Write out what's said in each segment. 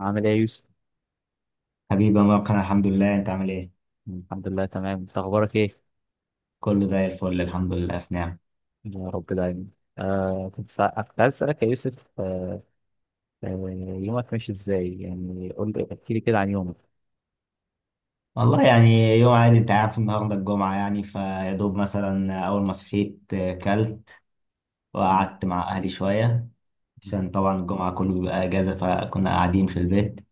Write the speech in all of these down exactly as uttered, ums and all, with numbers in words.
عامل ايه يا يوسف؟ حبيبي يا مروان، الحمد لله. انت عامل ايه؟ الحمد لله تمام، انت اخبارك ايه؟ كله زي الفل الحمد لله. في نعم. يا رب دايما. آه كنت سا... كنت عايز اسالك يا يوسف آه آه يومك ماشي ازاي؟ يعني قول لي احكي لي كده عن يومك. والله يعني يوم عادي، انت عارف النهارده الجمعة، يعني فيا دوب مثلا أول ما صحيت آه، كلت مم. وقعدت مع أهلي شوية عشان طبعا الجمعة كله بيبقى أجازة فكنا قاعدين في البيت.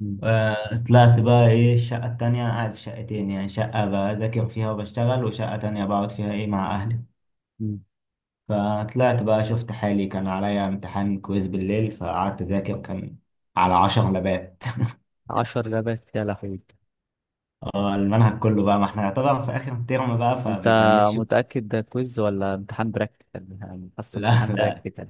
مم. آه، طلعت بقى ايه الشقة التانية. أنا قاعد في شقتين، يعني شقة بذاكر فيها وبشتغل وشقة تانية بقعد فيها ايه مع أهلي. مم. فطلعت بقى شفت حالي، كان عليا امتحان كويز بالليل، فقعدت أذاكر. كان على عشر لبات. عشر لبات يا لهوي! اه المنهج كله بقى، ما احنا طبعا في اخر الترم بقى انت فبيفنشوا. متأكد ده كويز ولا امتحان براكتيكال؟ يعني حاسه لا امتحان لا، براكتيكال.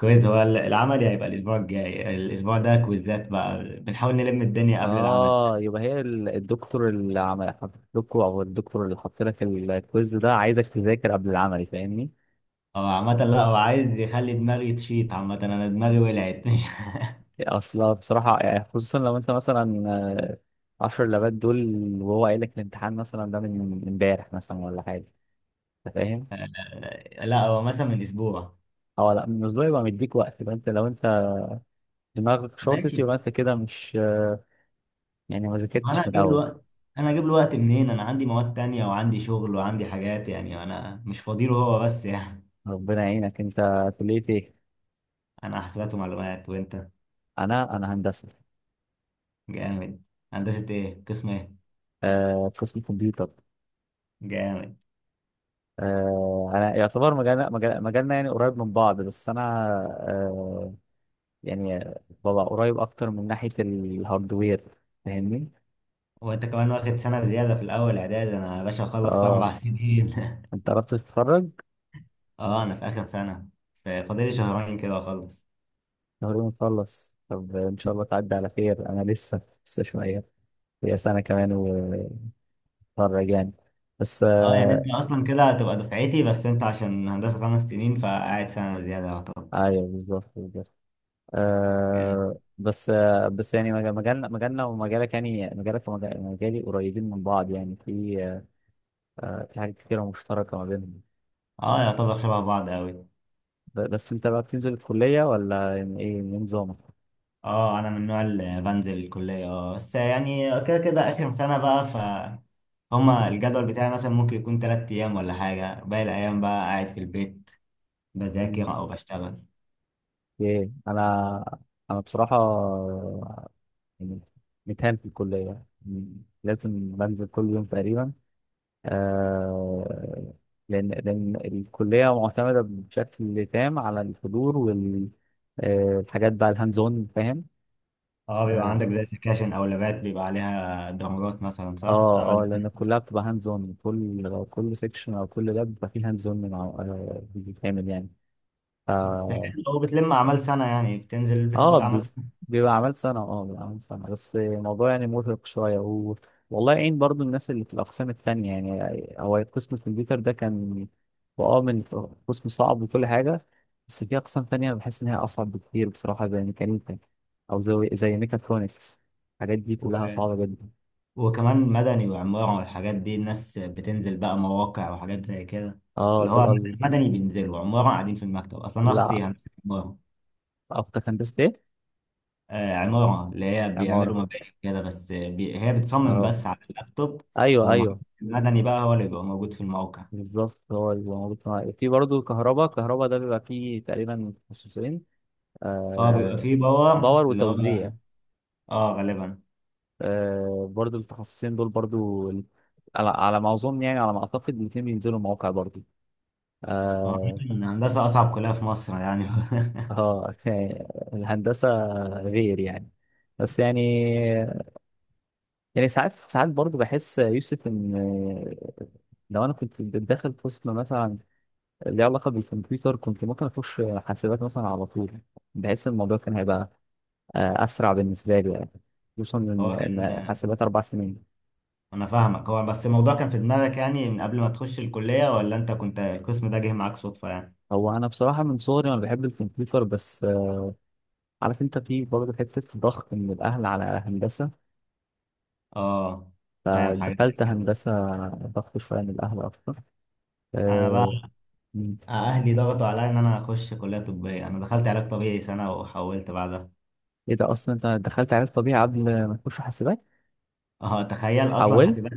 كويز. هو العملي هيبقى الاسبوع الجاي، الاسبوع ده كويزات بقى، بنحاول نلم الدنيا قبل العمل. اه، يبقى هي ال- الدكتور اللي عمل حط لكوا او الدكتور اللي حط لك الكويز ده عايزك تذاكر قبل العمل، فاهمني؟ اه عامة لا، هو عايز يخلي دماغي تشيط، عامة انا دماغي ولعت. اصلا بصراحة يعني خصوصا لو انت مثلا آه، عشر لبات دول وهو قايل لك الامتحان مثلا ده من من امبارح مثلا ولا حاجة، انت فاهم؟ لا هو مثلا من اسبوع. اه لا، من اسبوع يبقى مديك وقت، يبقى انت، لو انت دماغك شاطت ماشي. يبقى انت كده مش آه، يعني ما ما انا ذاكرتش من هجيب له الاول. وقت. انا هجيب له وقت منين؟ انا عندي مواد تانية وعندي شغل وعندي حاجات، يعني انا مش فاضي له هو بس يعني. ربنا يعينك. انت كلية ايه؟ انا حسابات ومعلومات، وانت؟ انا انا هندسة. جامد. هندسة ايه؟ قسم ايه؟ آه قسم كمبيوتر. جامد. آه انا يعتبر مجالنا مجال- مجالنا يعني قريب من بعض، بس انا آه يعني ببقى قريب اكتر من ناحية الهاردوير، فاهمني؟ وانت كمان واخد سنة زيادة في الأول إعدادي، أنا يا باشا أخلص في اه، أربع سنين. انت قربت تتخرج. أه أنا في آخر سنة، ف- فاضلي شهرين كده أخلص. تقريبا نخلص. طب ان شاء الله تعدي على خير. انا لسه لسه شويه. هي سنه كمان واتخرج يعني، بس أه يعني آه أنت أصلا كده هتبقى دفعتي، بس أنت عشان هندسة خمس سنين فقاعد سنة زيادة يعتبر. ايوه بالظبط بالظبط. جامد. آه بس آه بس يعني مج- مجالنا مجالنا ومجالك، يعني مجالك ومجالي قريبين من بعض، يعني في آه في حاجات كتيره مشتركه ما بينهم. أه يعتبر شبه بعض أوي. ب- بس انت بقى بتنزل الكليه، ولا يعني ايه إيه نظامك؟ أه أنا من النوع اللي بنزل الكلية، أه بس يعني كده كده آخر سنة بقى، ف هما الجدول بتاعي مثلا ممكن يكون تلات أيام ولا حاجة، باقي الأيام بقى قاعد في البيت مم. بذاكر أو بشتغل. ايه، انا انا بصراحه يعني متهان في الكلية، يعني لازم بنزل كل يوم تقريبا. آه لأن لأن الكلية معتمدة بشكل تام على الحضور وال آه، الحاجات بقى الهاند اون، فاهم؟ اه بيبقى اه عندك زي سكاشن او لابات بيبقى عليها درجات مثلا، صح، اه آه، عمل لأن سنة. كلها بتبقى هاند اون، كل كل سيكشن أو كل لاب بيبقى فيه هاند اون بيتعمل يعني. ف بس حلو لو بتلم اعمال سنة، يعني بتنزل اه، بتاخد بي- اعمال سنة. بيبقى عمل سنة، اه بيبقى عمل سنة، بس الموضوع يعني مرهق شوية و... والله يعين برضو الناس اللي في الأقسام التانية. يعني هو قسم الكمبيوتر ده كان هو اه من قسم صعب وكل حاجة، بس في أقسام تانية أنا بحس إن هي أصعب بكتير بصراحة، زي ميكانيكا أو زي زي ميكاترونكس، الحاجات دي و... كلها صعبة جدا. وكمان مدني وعمارة والحاجات دي الناس بتنزل بقى مواقع وحاجات زي كده. اه، اللي دول هو ال- مدني بينزلوا، عمارة قاعدين في المكتب، اصلا أنا اختي لا، هندسة عمارة. أكتر هندسة إيه؟ آه، عمارة اللي هي عمارة. بيعملوا مباني كده، بس بي... هي بتصمم اه بس على اللابتوب. أيوه والمهندس أيوه المدني بقى هو اللي بيبقى موجود في الموقع. بالظبط. هو اللي موجود في في برضه كهرباء. كهرباء ده بيبقى فيه تقريبا تخصصين اه بيبقى آه، فيه باور باور اللي هو. وتوزيع. اه غالبا. آه، برضو التخصصين دول برضو ال- على على ما اظن، يعني على ما اعتقد الاثنين بينزلوا مواقع برضو. اه عامة هندسة أصعب كلية في مصر يعني. آه، يعني الهندسه غير يعني، بس يعني يعني ساعات ساعات برضو بحس يوسف ان آه، لو انا كنت داخل قسم مثلا ليه علاقه بالكمبيوتر كنت ممكن اخش حاسبات مثلا على طول. بحس الموضوع كان هيبقى آه، اسرع بالنسبه لي يعني، خصوصا ان هو كان. إن حاسبات اربع سنين. أنا فاهمك. هو بس الموضوع كان في دماغك يعني من قبل ما تخش الكلية، ولا أنت كنت القسم ده جه معاك صدفة يعني؟ هو انا بصراحه من صغري انا بحب الكمبيوتر، بس آه، عارف انت في برضه حته ضغط من الاهل على هندسه، آه. فاهم حاجة زي فدخلت كده. هندسه. ضغط شويه من الاهل اكتر. أنا آه، بقى مم. أهلي ضغطوا عليا إن أنا أخش كلية طبية، أنا دخلت علاج طبيعي سنة وحولت بعدها. ايه ده، اصلا انت دخلت علم طبيعي قبل ما تخش حاسبات؟ اه تخيل. اصلا حولت. حاسبات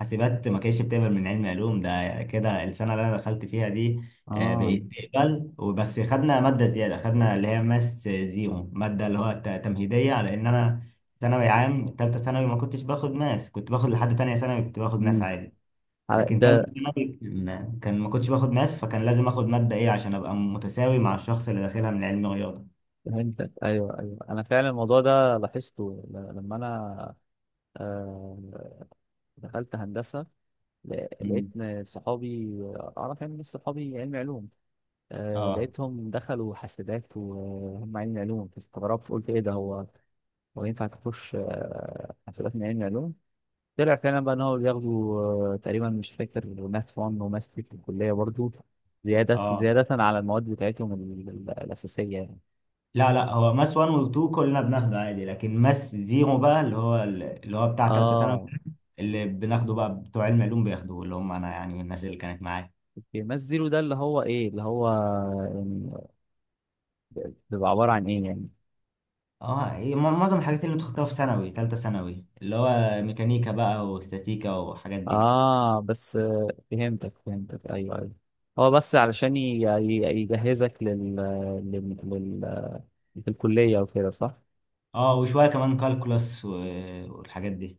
حاسبات ما كانتش بتقبل من علم علوم، ده كده السنه اللي انا دخلت فيها دي آه، اه. بقيت تقبل. وبس خدنا ماده زياده، خدنا اللي هي ماس زيرو، ماده اللي هو ت- تمهيديه، على ان انا ثانوي عام ثالثه ثانوي ما كنتش باخد ماس، كنت باخد لحد تانية ثانوي كنت باخد ماس مم. عادي، على- لكن ثالثه ده ثانوي كان كان ما كنتش باخد ماس، فكان لازم اخد ماده ايه عشان ابقى متساوي مع الشخص اللي داخلها من علم رياضه. فهمتك، ايوه ايوه، انا فعلا الموضوع ده لاحظته ل- لما انا آه، دخلت هندسه، ل- مم. لقيت إن صحابي اعرف يعني ناس صحابي علمي علوم. آه، اه لقيتهم دخلوا حاسبات وهم علم علوم، فاستغربت قلت ايه ده، هو هو ينفع تخش آه، حاسبات من علم علوم؟ طلع فعلا بقى ان هو بياخدوا آه، تقريبا مش فاكر ماث واحد وماث اتنين في الكليه برضو، زياده اه. زياده على المواد بتاعتهم ال- ال- الاساسيه يعني. لا لا، هو ماس واحد و اتنين كلنا بناخده عادي، لكن ماس زيرو بقى اللي هو اللي هو بتاع تالتة ثانوي، اه. اللي بناخده بقى بتوع علم علوم بياخدوه، اللي هم انا يعني والناس اللي كانت معايا. اوكي ماث زيرو ده اللي هو ايه؟ اللي هو يعني بيبقى عباره عن ايه يعني؟ اه هي مع- معظم الحاجات اللي انت خدتها في ثانوي تالتة ثانوي اللي هو ميكانيكا بقى واستاتيكا والحاجات دي. اه بس، آه، فهمتك فهمتك، ايوه ايوه. هو بس علشان ي- ي- يجهزك لل لل- لل- في الكلية وكده، صح؟ اه وشوية كمان كالكولاس والحاجات دي.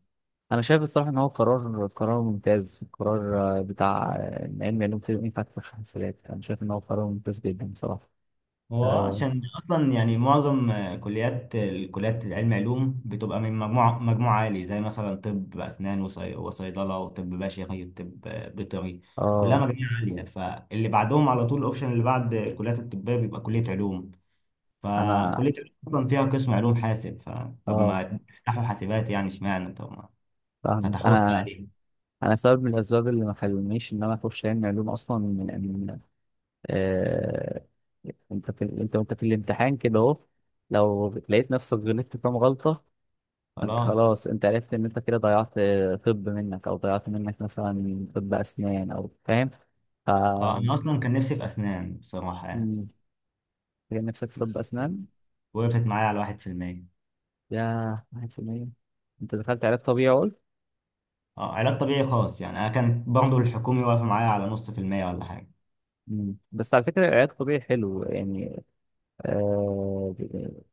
أنا شايف الصراحة إن هو قرار قرار ممتاز، قرار آه، بتاع آه، إن علم علوم طب ينفع تخش حاسبات. أنا شايف إن هو قرار ممتاز جدا بصراحة. هو آه عشان اصلا يعني معظم آه، كليات الكليات العلم علوم بتبقى من مجموعه مجموعه عالي، زي مثلا طب اسنان وصي- وصيدله وطب بشري وطب آه، بيطري، كلها آه مجاميع عاليه. فاللي بعدهم على طول الاوبشن اللي بعد الكليات الطبيه بيبقى كليه علوم. أنا فكليه علوم اصلا فيها قسم علوم حاسب، فطب آه ما فتحوا حاسبات يعني، اشمعنى طب ما فاهمك. فتحوها بقى أنا ليه. أنا سبب من الأسباب اللي ما خلونيش إن أنا أخش علم علوم أصلا، من من آه أنت في أنت وأنت في الامتحان كده أهو، لو لقيت نفسك غلطت كام غلطة، انت خلاص. خلاص انت عرفت ان انت كده ضيعت طب منك، او ضيعت منك مثلا طب اسنان، او فاهم؟ ف اه انا اصلا كان نفسي في اسنان بصراحه يعني، مم، تلاقي نفسك في طب بس اسنان. وقفت معايا على واحد في المية. يا، واحد في المية؟ انت دخلت علاج طبيعي قلت. اه علاج طبيعي خاص يعني، انا كانت برضه الحكومي واقفه معايا على نص في المية ولا حاجه. مم. بس على فكرة العلاج الطبيعي حلو يعني. آه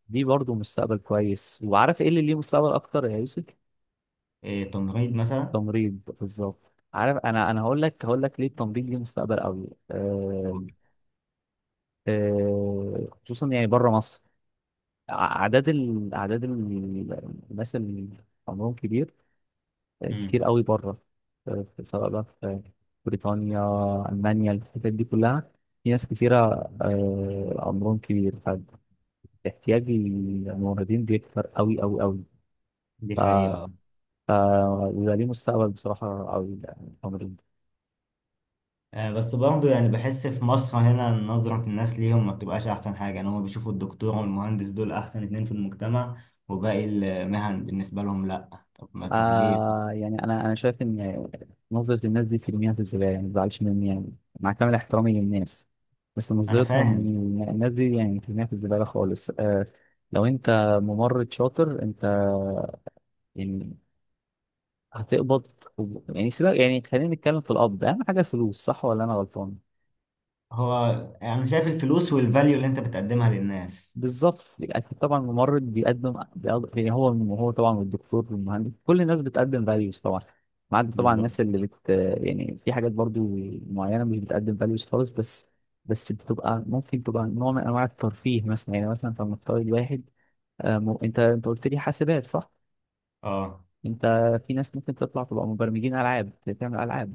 دي برضه مستقبل كويس. وعارف ايه اللي ليه مستقبل اكتر يا يوسف؟ إيه تمريض مثلا؟ تمريض بالظبط. عارف، انا انا هقول لك هقول لك ليه التمريض ليه مستقبل قوي. آه آه خصوصا يعني بره مصر، اعداد ال... اعداد ال- الناس اللي عمرهم كبير آه، كتير امم. قوي بره. آه، سواء بقى في بريطانيا، المانيا، الحتت دي كلها في ناس كتيره آه، عمرهم كبير، فاحتياج الموردين بيكتر قوي قوي قوي. دي ف حقيقه اه. ف ويبقى ليه مستقبل بصراحه قوي يعني. آه، بس برضه يعني بحس في مصر هنا نظره الناس ليهم ما بتبقاش احسن حاجه. يعني هم بيشوفوا الدكتور والمهندس دول احسن اتنين في المجتمع، وباقي المهن بالنسبه لهم لا. طب ما طب ليه. آه يعني انا انا شايف ان نظره الناس دي في المياه في الزباله، يعني ما تزعلش مني يعني، مع كامل احترامي للناس، بس انا نظرتهم فاهم. إن الناس دي يعني في المياه في الزباله خالص. آه لو انت ممرض شاطر انت يعني هتقبض، يعني سيبك يعني خلينا نتكلم في القبض، اهم حاجه الفلوس، صح ولا انا غلطان؟ هو انا شايف الفلوس والفاليو اللي انت بتقدمها للناس. بالظبط. أكيد طبعا الممرض بيقدم بيقض- يعني هو هو طبعا، والدكتور والمهندس كل الناس بتقدم فاليوز طبعا، ما عدا طبعا بالظبط. الناس اللي بت يعني في حاجات برضو معينه مش بتقدم فاليوز خالص، بس بس بتبقى ممكن تبقى نوع من انواع الترفيه مثلا، يعني مثلا فلنفترض واحد آه، م- انت انت قلت لي حاسبات صح؟ اه انت، في ناس ممكن تطلع تبقى مبرمجين العاب، تعمل العاب.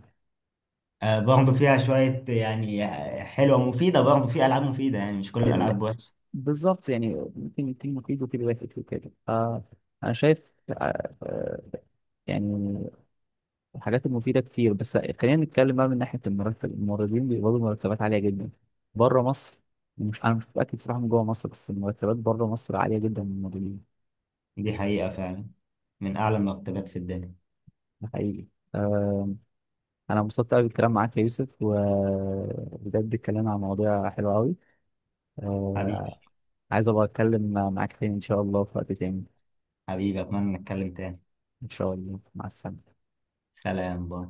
آه، برضه فيها شوية يعني حلوة مفيدة، برضه في ألعاب مفيدة يعني مش كل ال- الألعاب وحشة. بالظبط، يعني ممكن يكون مفيد وكده واحد وكده، فانا شايف آه، آه، يعني الحاجات المفيدة كتير. بس خلينا نتكلم بقى من ناحية المرتب، الممرضين بيقبضوا مرتبات عالية جدا بره مصر. مش أنا مش متأكد بصراحة من جوه مصر، بس المرتبات بره مصر عالية جدا من الممرضين. دي حقيقة فعلا، من أعلى المرتبات في الدنيا. ده حقيقي. آه، أنا انبسطت أوي بالكلام معاك يا يوسف، وبجد الكلام عن مواضيع حلوة أوي. حبيبي. آه، عايز أبقى أتكلم معاك تاني إن شاء الله في وقت تاني. حبيبي أتمنى نتكلم تاني. إن شاء الله، مع السلامة. سلام باي.